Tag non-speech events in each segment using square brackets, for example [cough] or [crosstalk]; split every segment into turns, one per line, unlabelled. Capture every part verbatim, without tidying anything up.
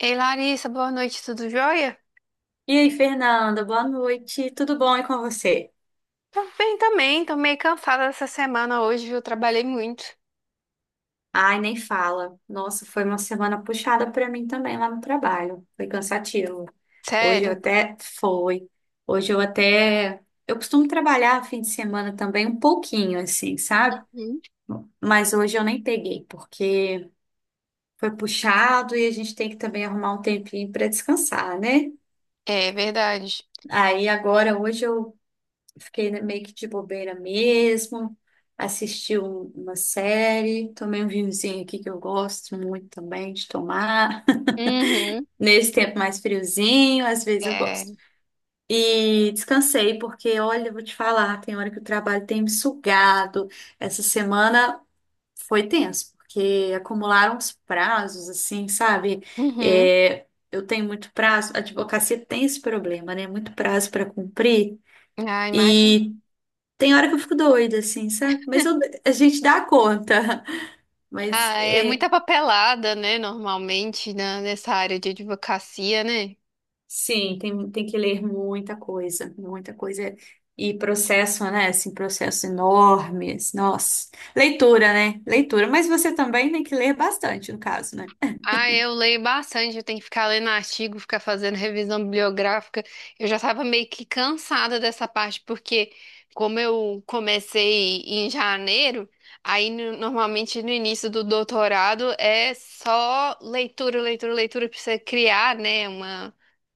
Ei, Larissa, boa noite, tudo jóia?
E aí, Fernanda, boa noite. Tudo bom e com você?
Tô bem também, tô meio cansada dessa semana hoje, viu, trabalhei muito.
Ai, nem fala. Nossa, foi uma semana puxada pra mim também lá no trabalho. Foi cansativo. Hoje eu
Sério.
até foi. Hoje eu até eu costumo trabalhar fim de semana também um pouquinho assim, sabe?
Uhum.
Mas hoje eu nem peguei porque foi puxado e a gente tem que também arrumar um tempinho pra descansar, né?
É verdade.
Aí agora hoje eu fiquei, né, meio que de bobeira mesmo. Assisti um- uma série, tomei um vinhozinho aqui que eu gosto muito também de tomar. [laughs]
Uhum.
Nesse tempo mais friozinho, às vezes eu
É.
gosto. E descansei, porque olha, eu vou te falar, tem hora que o trabalho tem me sugado. Essa semana foi tenso, porque acumularam os prazos, assim, sabe?
Uhum.
É, eu tenho muito prazo, a advocacia tem esse problema, né? Muito prazo para cumprir.
Ah, imagina.
E tem hora que eu fico doida, assim, sabe? Mas eu- a gente dá conta. [laughs] Mas
Ah, é
é,
muita papelada, né? Normalmente, na- nessa área de advocacia, né?
sim, tem, tem que ler muita coisa, muita coisa. E processo, né? Assim, processos enormes. Nossa. Leitura, né? Leitura. Mas você também tem que ler bastante, no caso, né?
Ah, eu leio bastante, eu tenho que ficar lendo artigo, ficar fazendo revisão bibliográfica. Eu já estava meio que cansada dessa parte, porque como eu comecei em janeiro, aí no- normalmente no início do doutorado é só leitura, leitura, leitura para você criar, né, uma,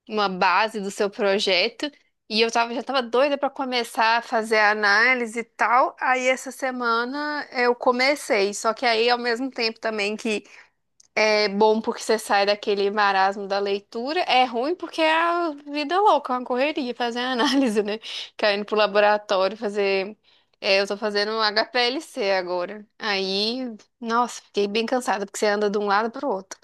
uma base do seu projeto. E eu tava, já estava doida para começar a fazer a análise e tal. Aí essa semana eu comecei, só que aí ao mesmo tempo também que é bom porque você sai daquele marasmo da leitura, é ruim porque é a vida louca, é uma correria fazer [laughs] análise, né? Caindo pro laboratório fazer. É, eu tô fazendo um H P L C agora. Aí, nossa, fiquei bem cansada porque você anda de um lado pro outro.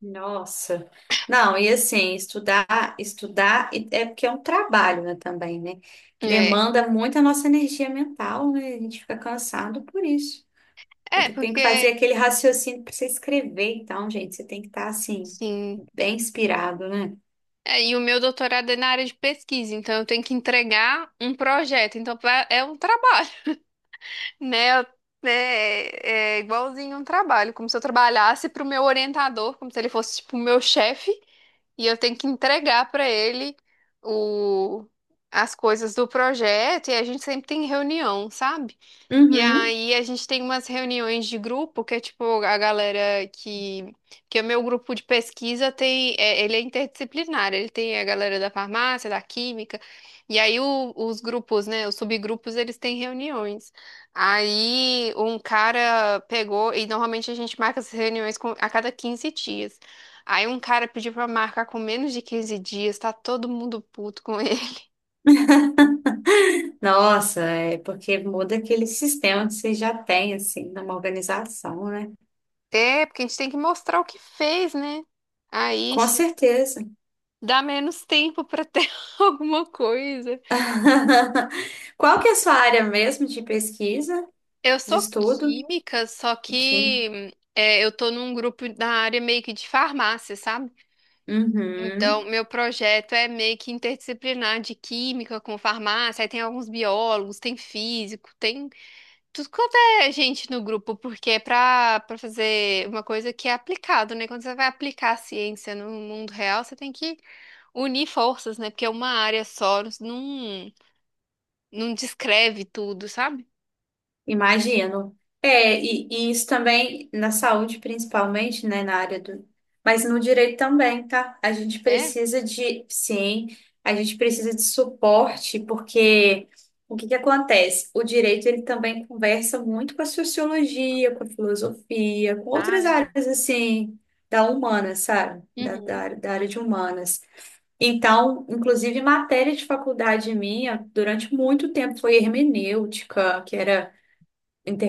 Nossa. Não, e assim, estudar, estudar e- é porque é um trabalho, né, também, né?
É,
Demanda muito a nossa energia mental, né? A gente fica cansado por isso. Tem
é
que, tem que fazer
porque,
aquele raciocínio para você escrever, então, gente, você tem que estar assim,
sim.
bem inspirado, né?
É, e o meu doutorado é na área de pesquisa, então eu tenho que entregar um projeto, então pra- é um trabalho. Né? Eu- né, é, é igualzinho um trabalho, como se eu trabalhasse para o meu orientador, como se ele fosse tipo o meu chefe, e eu tenho que entregar para ele o, as coisas do projeto, e a gente sempre tem reunião, sabe? E
Uhum.
aí a gente tem umas reuniões de grupo que é tipo a galera que que o meu grupo de pesquisa tem é, ele é interdisciplinar, ele tem a galera da farmácia, da química, e aí o- os grupos, né, os subgrupos, eles têm reuniões. Aí um cara pegou e normalmente a gente marca essas reuniões com- a cada quinze dias. Aí um cara pediu pra marcar com menos de quinze dias, tá todo mundo puto com [laughs] ele.
Nossa, é porque muda aquele sistema que você já tem, assim, numa organização, né?
É, porque a gente tem que mostrar o que fez, né? Aí
Com certeza.
dá menos tempo para ter [laughs] alguma coisa.
[laughs] Qual que é a sua área mesmo de pesquisa,
Eu
de
sou
estudo?
química, só
Aqui.
que é, eu tô num grupo da área meio que de farmácia, sabe? Então,
Uhum.
meu projeto é meio que interdisciplinar de química com farmácia. Aí tem alguns biólogos, tem físico, tem tudo quanto é gente no grupo, porque é pra, pra fazer uma coisa que é aplicado, né? Quando você vai aplicar a ciência no mundo real, você tem que unir forças, né? Porque uma área só não. Não descreve tudo, sabe?
Imagino. É, e, e isso também na saúde, principalmente, né, na área do. Mas no direito também, tá? A gente
É.
precisa de, sim, a gente precisa de suporte, porque o que que acontece? O direito, ele também conversa muito com a sociologia, com a filosofia, com
Ah,
outras
verdade.
áreas, assim, da humana, sabe? Da, da,
Uhum.
área- da área de humanas. Então, inclusive, matéria de faculdade minha, durante muito tempo, foi hermenêutica, que era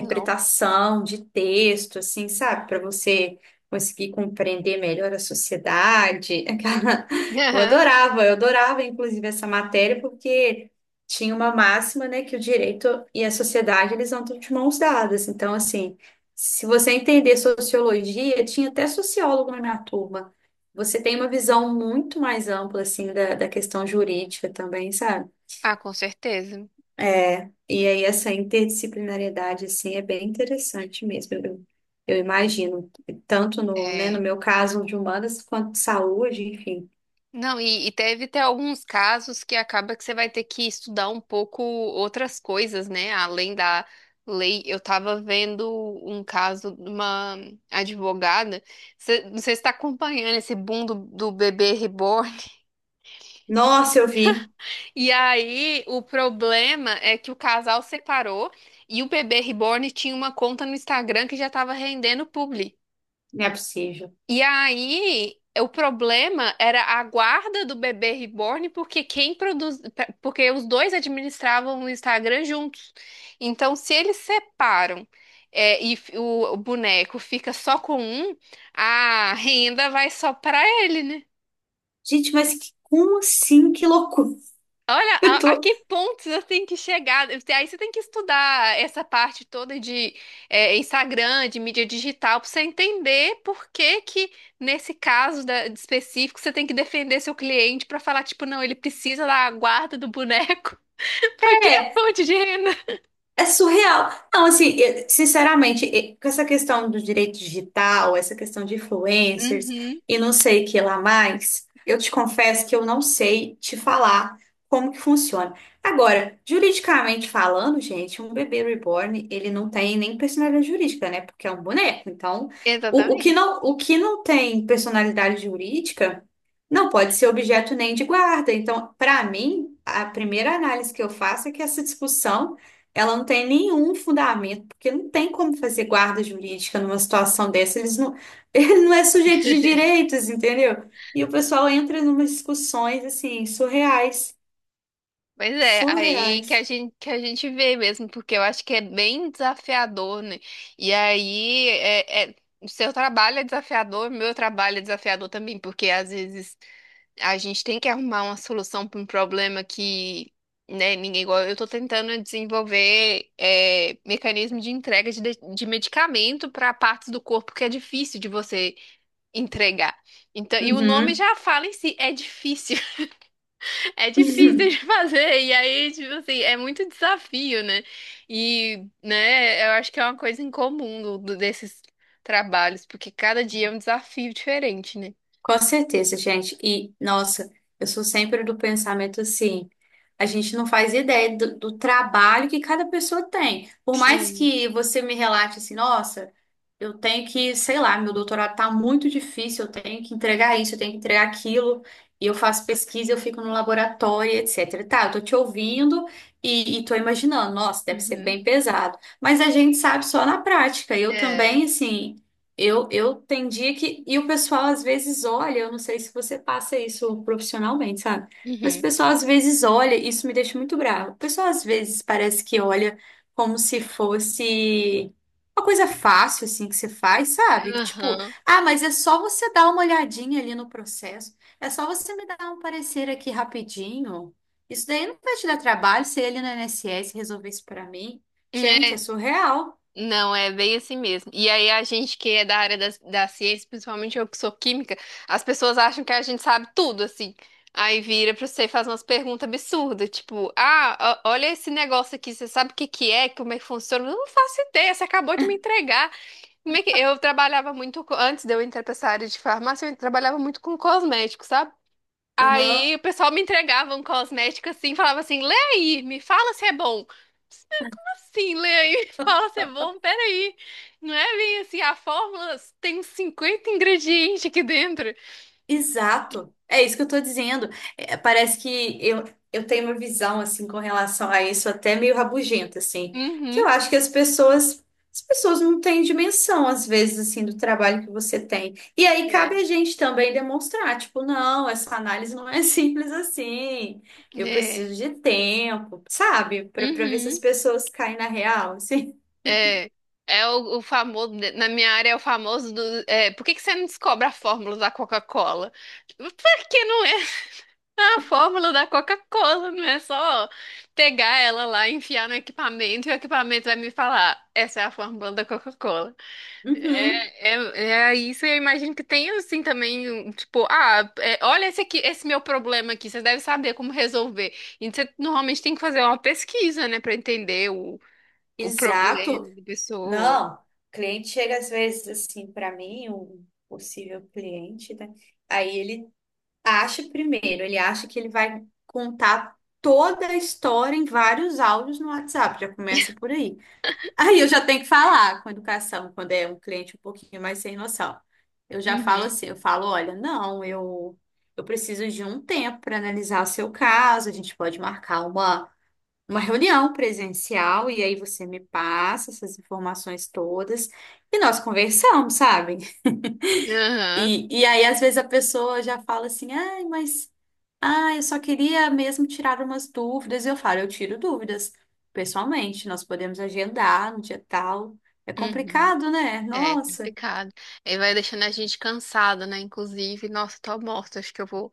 Não.
de texto, assim, sabe? Para você conseguir compreender melhor a sociedade. [laughs] Aquela- eu
Aham.
adorava, eu adorava, inclusive, essa matéria, porque tinha uma máxima, né, que o direito e a sociedade, eles andam de mãos dadas. Então, assim, se você entender sociologia, tinha até sociólogo na minha turma. Você tem uma visão muito mais ampla, assim, da, da questão jurídica também, sabe?
Ah, com certeza.
É, e aí essa interdisciplinariedade, assim, é bem interessante mesmo, eu, eu imagino. Tanto no, né, no
É.
meu caso de humanas, quanto de saúde, enfim.
Não, e, e deve ter alguns casos que acaba que você vai ter que estudar um pouco outras coisas, né? Além da lei. Eu tava vendo um caso de uma advogada. Você, não sei se está acompanhando esse boom do, do bebê reborn.
Nossa, eu vi,
E aí, o problema é que o casal separou e o bebê reborn tinha uma conta no Instagram que já estava rendendo publi.
não é possível.
E aí, o problema era a guarda do bebê reborn, porque quem produz, porque os dois administravam o Instagram juntos. Então, se eles separam, é, e f- o o boneco fica só com um, a renda vai só para ele, né?
Gente, mas que- como assim? Que loucura.
Olha,
[laughs] Eu
a, a
tô-
que ponto você tem que chegar? Aí você tem que estudar essa parte toda de é, Instagram, de mídia digital, para você entender por que que, nesse caso da- de específico, você tem que defender seu cliente para falar, tipo, não, ele precisa da guarda do boneco, [laughs] porque é
é,
fonte de renda.
É surreal. Não, assim, eu- sinceramente, e- com essa questão do direito digital, essa questão de influencers
Uhum,
e não sei o que lá mais, eu te confesso que eu não sei te falar como que funciona. Agora, juridicamente falando, gente, um bebê reborn, ele não tem nem personalidade jurídica, né? Porque é um boneco. Então, o, o que
exatamente.
não, o que não tem personalidade jurídica não pode ser objeto nem de guarda. Então, para mim, a primeira análise que eu faço é que essa discussão ela não tem nenhum fundamento, porque não tem como fazer guarda jurídica numa situação dessa. Eles não, [laughs] ele não é sujeito de direitos, entendeu? E o pessoal entra numas discussões assim, surreais.
Mas é, aí que a
Surreais.
gente, que a gente vê mesmo, porque eu acho que é bem desafiador, né? E aí, é, é- o seu trabalho é desafiador, o meu trabalho é desafiador também, porque às vezes a gente tem que arrumar uma solução para um problema que, né, ninguém igual. Eu tô tentando desenvolver é, mecanismo de entrega de, de de medicamento para partes do corpo que é difícil de você entregar. Então, e o nome
Uhum.
já fala em si, é difícil. É difícil de
[laughs]
[laughs] fazer, e aí, tipo assim, é muito desafio, né? E, né, eu acho que é uma coisa em comum do- do- desses trabalhos, porque cada dia é um desafio diferente, né?
Com certeza, gente. E, nossa, eu sou sempre do pensamento assim. A gente não faz ideia do, do trabalho que cada pessoa tem. Por mais
Sim,
que você me relate assim, nossa, eu tenho que, sei lá, meu doutorado tá muito difícil, eu tenho que entregar isso, eu tenho que entregar aquilo, e eu faço pesquisa, eu fico no laboratório, et cetera. Tá, eu tô te
sim.
ouvindo e, e tô imaginando, nossa, deve ser
Uhum.
bem pesado. Mas a gente sabe só na prática. Eu
É.
também, assim, eu, eu tem dia que. E o pessoal às vezes olha, eu não sei se você passa isso profissionalmente, sabe? Mas o
Uhum.
pessoal às vezes olha, isso me deixa muito bravo. O pessoal às vezes parece que olha como se fosse uma coisa fácil assim que você faz, sabe? Tipo,
Aham.
ah, mas é só você dar uma olhadinha ali no processo. É só você me dar um parecer aqui rapidinho. Isso daí não vai te dar trabalho, se ele no I N S S resolver isso pra mim. Gente,
É,
é surreal.
não, é bem assim mesmo. E aí, a gente que é da área da, da ciência, principalmente eu que sou química, as pessoas acham que a gente sabe tudo, assim. Aí vira pra você e faz umas perguntas absurdas, tipo, ah, ó- olha esse negócio aqui, você sabe o que que é, como é que funciona? Eu não faço ideia, você acabou de me entregar. Como é que... Eu trabalhava muito, co- antes de eu entrar pra essa área de farmácia, eu trabalhava muito com cosméticos, sabe?
Uhum.
Aí o pessoal me entregava um cosmético assim, falava assim, lê aí, me fala se é bom. Sim, lê aí [laughs] e fala se é bom. Peraí, não é bem assim, a fórmula tem uns cinquenta ingredientes aqui dentro.
Exato. É isso que eu tô dizendo. É, parece que eu, eu tenho uma visão assim com relação a isso até meio rabugenta assim, que eu
Uhum.
acho que as pessoas as pessoas não têm dimensão às vezes assim do trabalho que você tem. E aí
É.
cabe a gente também demonstrar, tipo, não, essa análise não é [laughs] simples assim. Eu
É.
preciso de tempo, sabe? Para para ver se as
Uhum.
pessoas caem na real, assim.
É. É o, o famoso, na minha área é o famoso do. É, por que que você não descobre a fórmula da Coca-Cola? Tipo, por que não é [laughs] a fórmula da Coca-Cola? Não é só pegar ela lá, enfiar no equipamento e o equipamento vai me falar: essa é a fórmula da Coca-Cola.
Uhum.
É, é isso, eu imagino que tem assim também, um, tipo, ah, é, olha esse aqui, esse meu problema aqui, você deve saber como resolver. E você normalmente tem que fazer uma pesquisa, né, pra entender o, o
Exato.
problema da pessoa.
Não, cliente chega às vezes assim para mim, um possível cliente, né? Aí ele acha primeiro, ele acha que ele vai contar toda a história em vários áudios no WhatsApp, já começa por aí. Aí eu já tenho que falar com educação, quando é um cliente um pouquinho mais sem noção. Eu já falo
Uhum,
assim, eu falo, olha, não, eu eu preciso de um tempo para analisar o seu caso, a gente pode marcar uma uma reunião presencial e aí você me passa essas informações todas e nós conversamos, sabe?
aham,
E, e aí às vezes a pessoa já fala assim, ai, mas ah, eu só queria mesmo tirar umas dúvidas. E eu falo, eu tiro dúvidas pessoalmente, nós podemos agendar no dia tal. É
uhum.
complicado, né?
É
Nossa.
complicado. Aí vai deixando a gente cansada, né? Inclusive, nossa, tô morta, acho que eu vou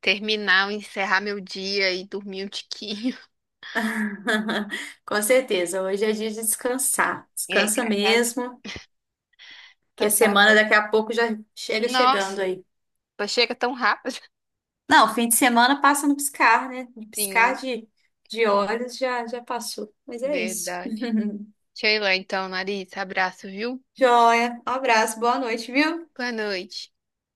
terminar, encerrar meu dia e dormir um tiquinho. [laughs]
[laughs] Com certeza, hoje é dia de descansar.
É,
Descansa
graças a Deus.
mesmo, que a
Então tá
semana
bom.
daqui a pouco já chega
Nossa,
chegando aí.
chega tão rápido.
Não, fim de semana passa no piscar, né? No
[laughs]
piscar
Sim,
de, de olhos já, já passou. Mas é isso.
verdade. Sheila, então, Larissa, abraço, viu?
Joia. Um abraço, boa noite, viu?
Boa noite.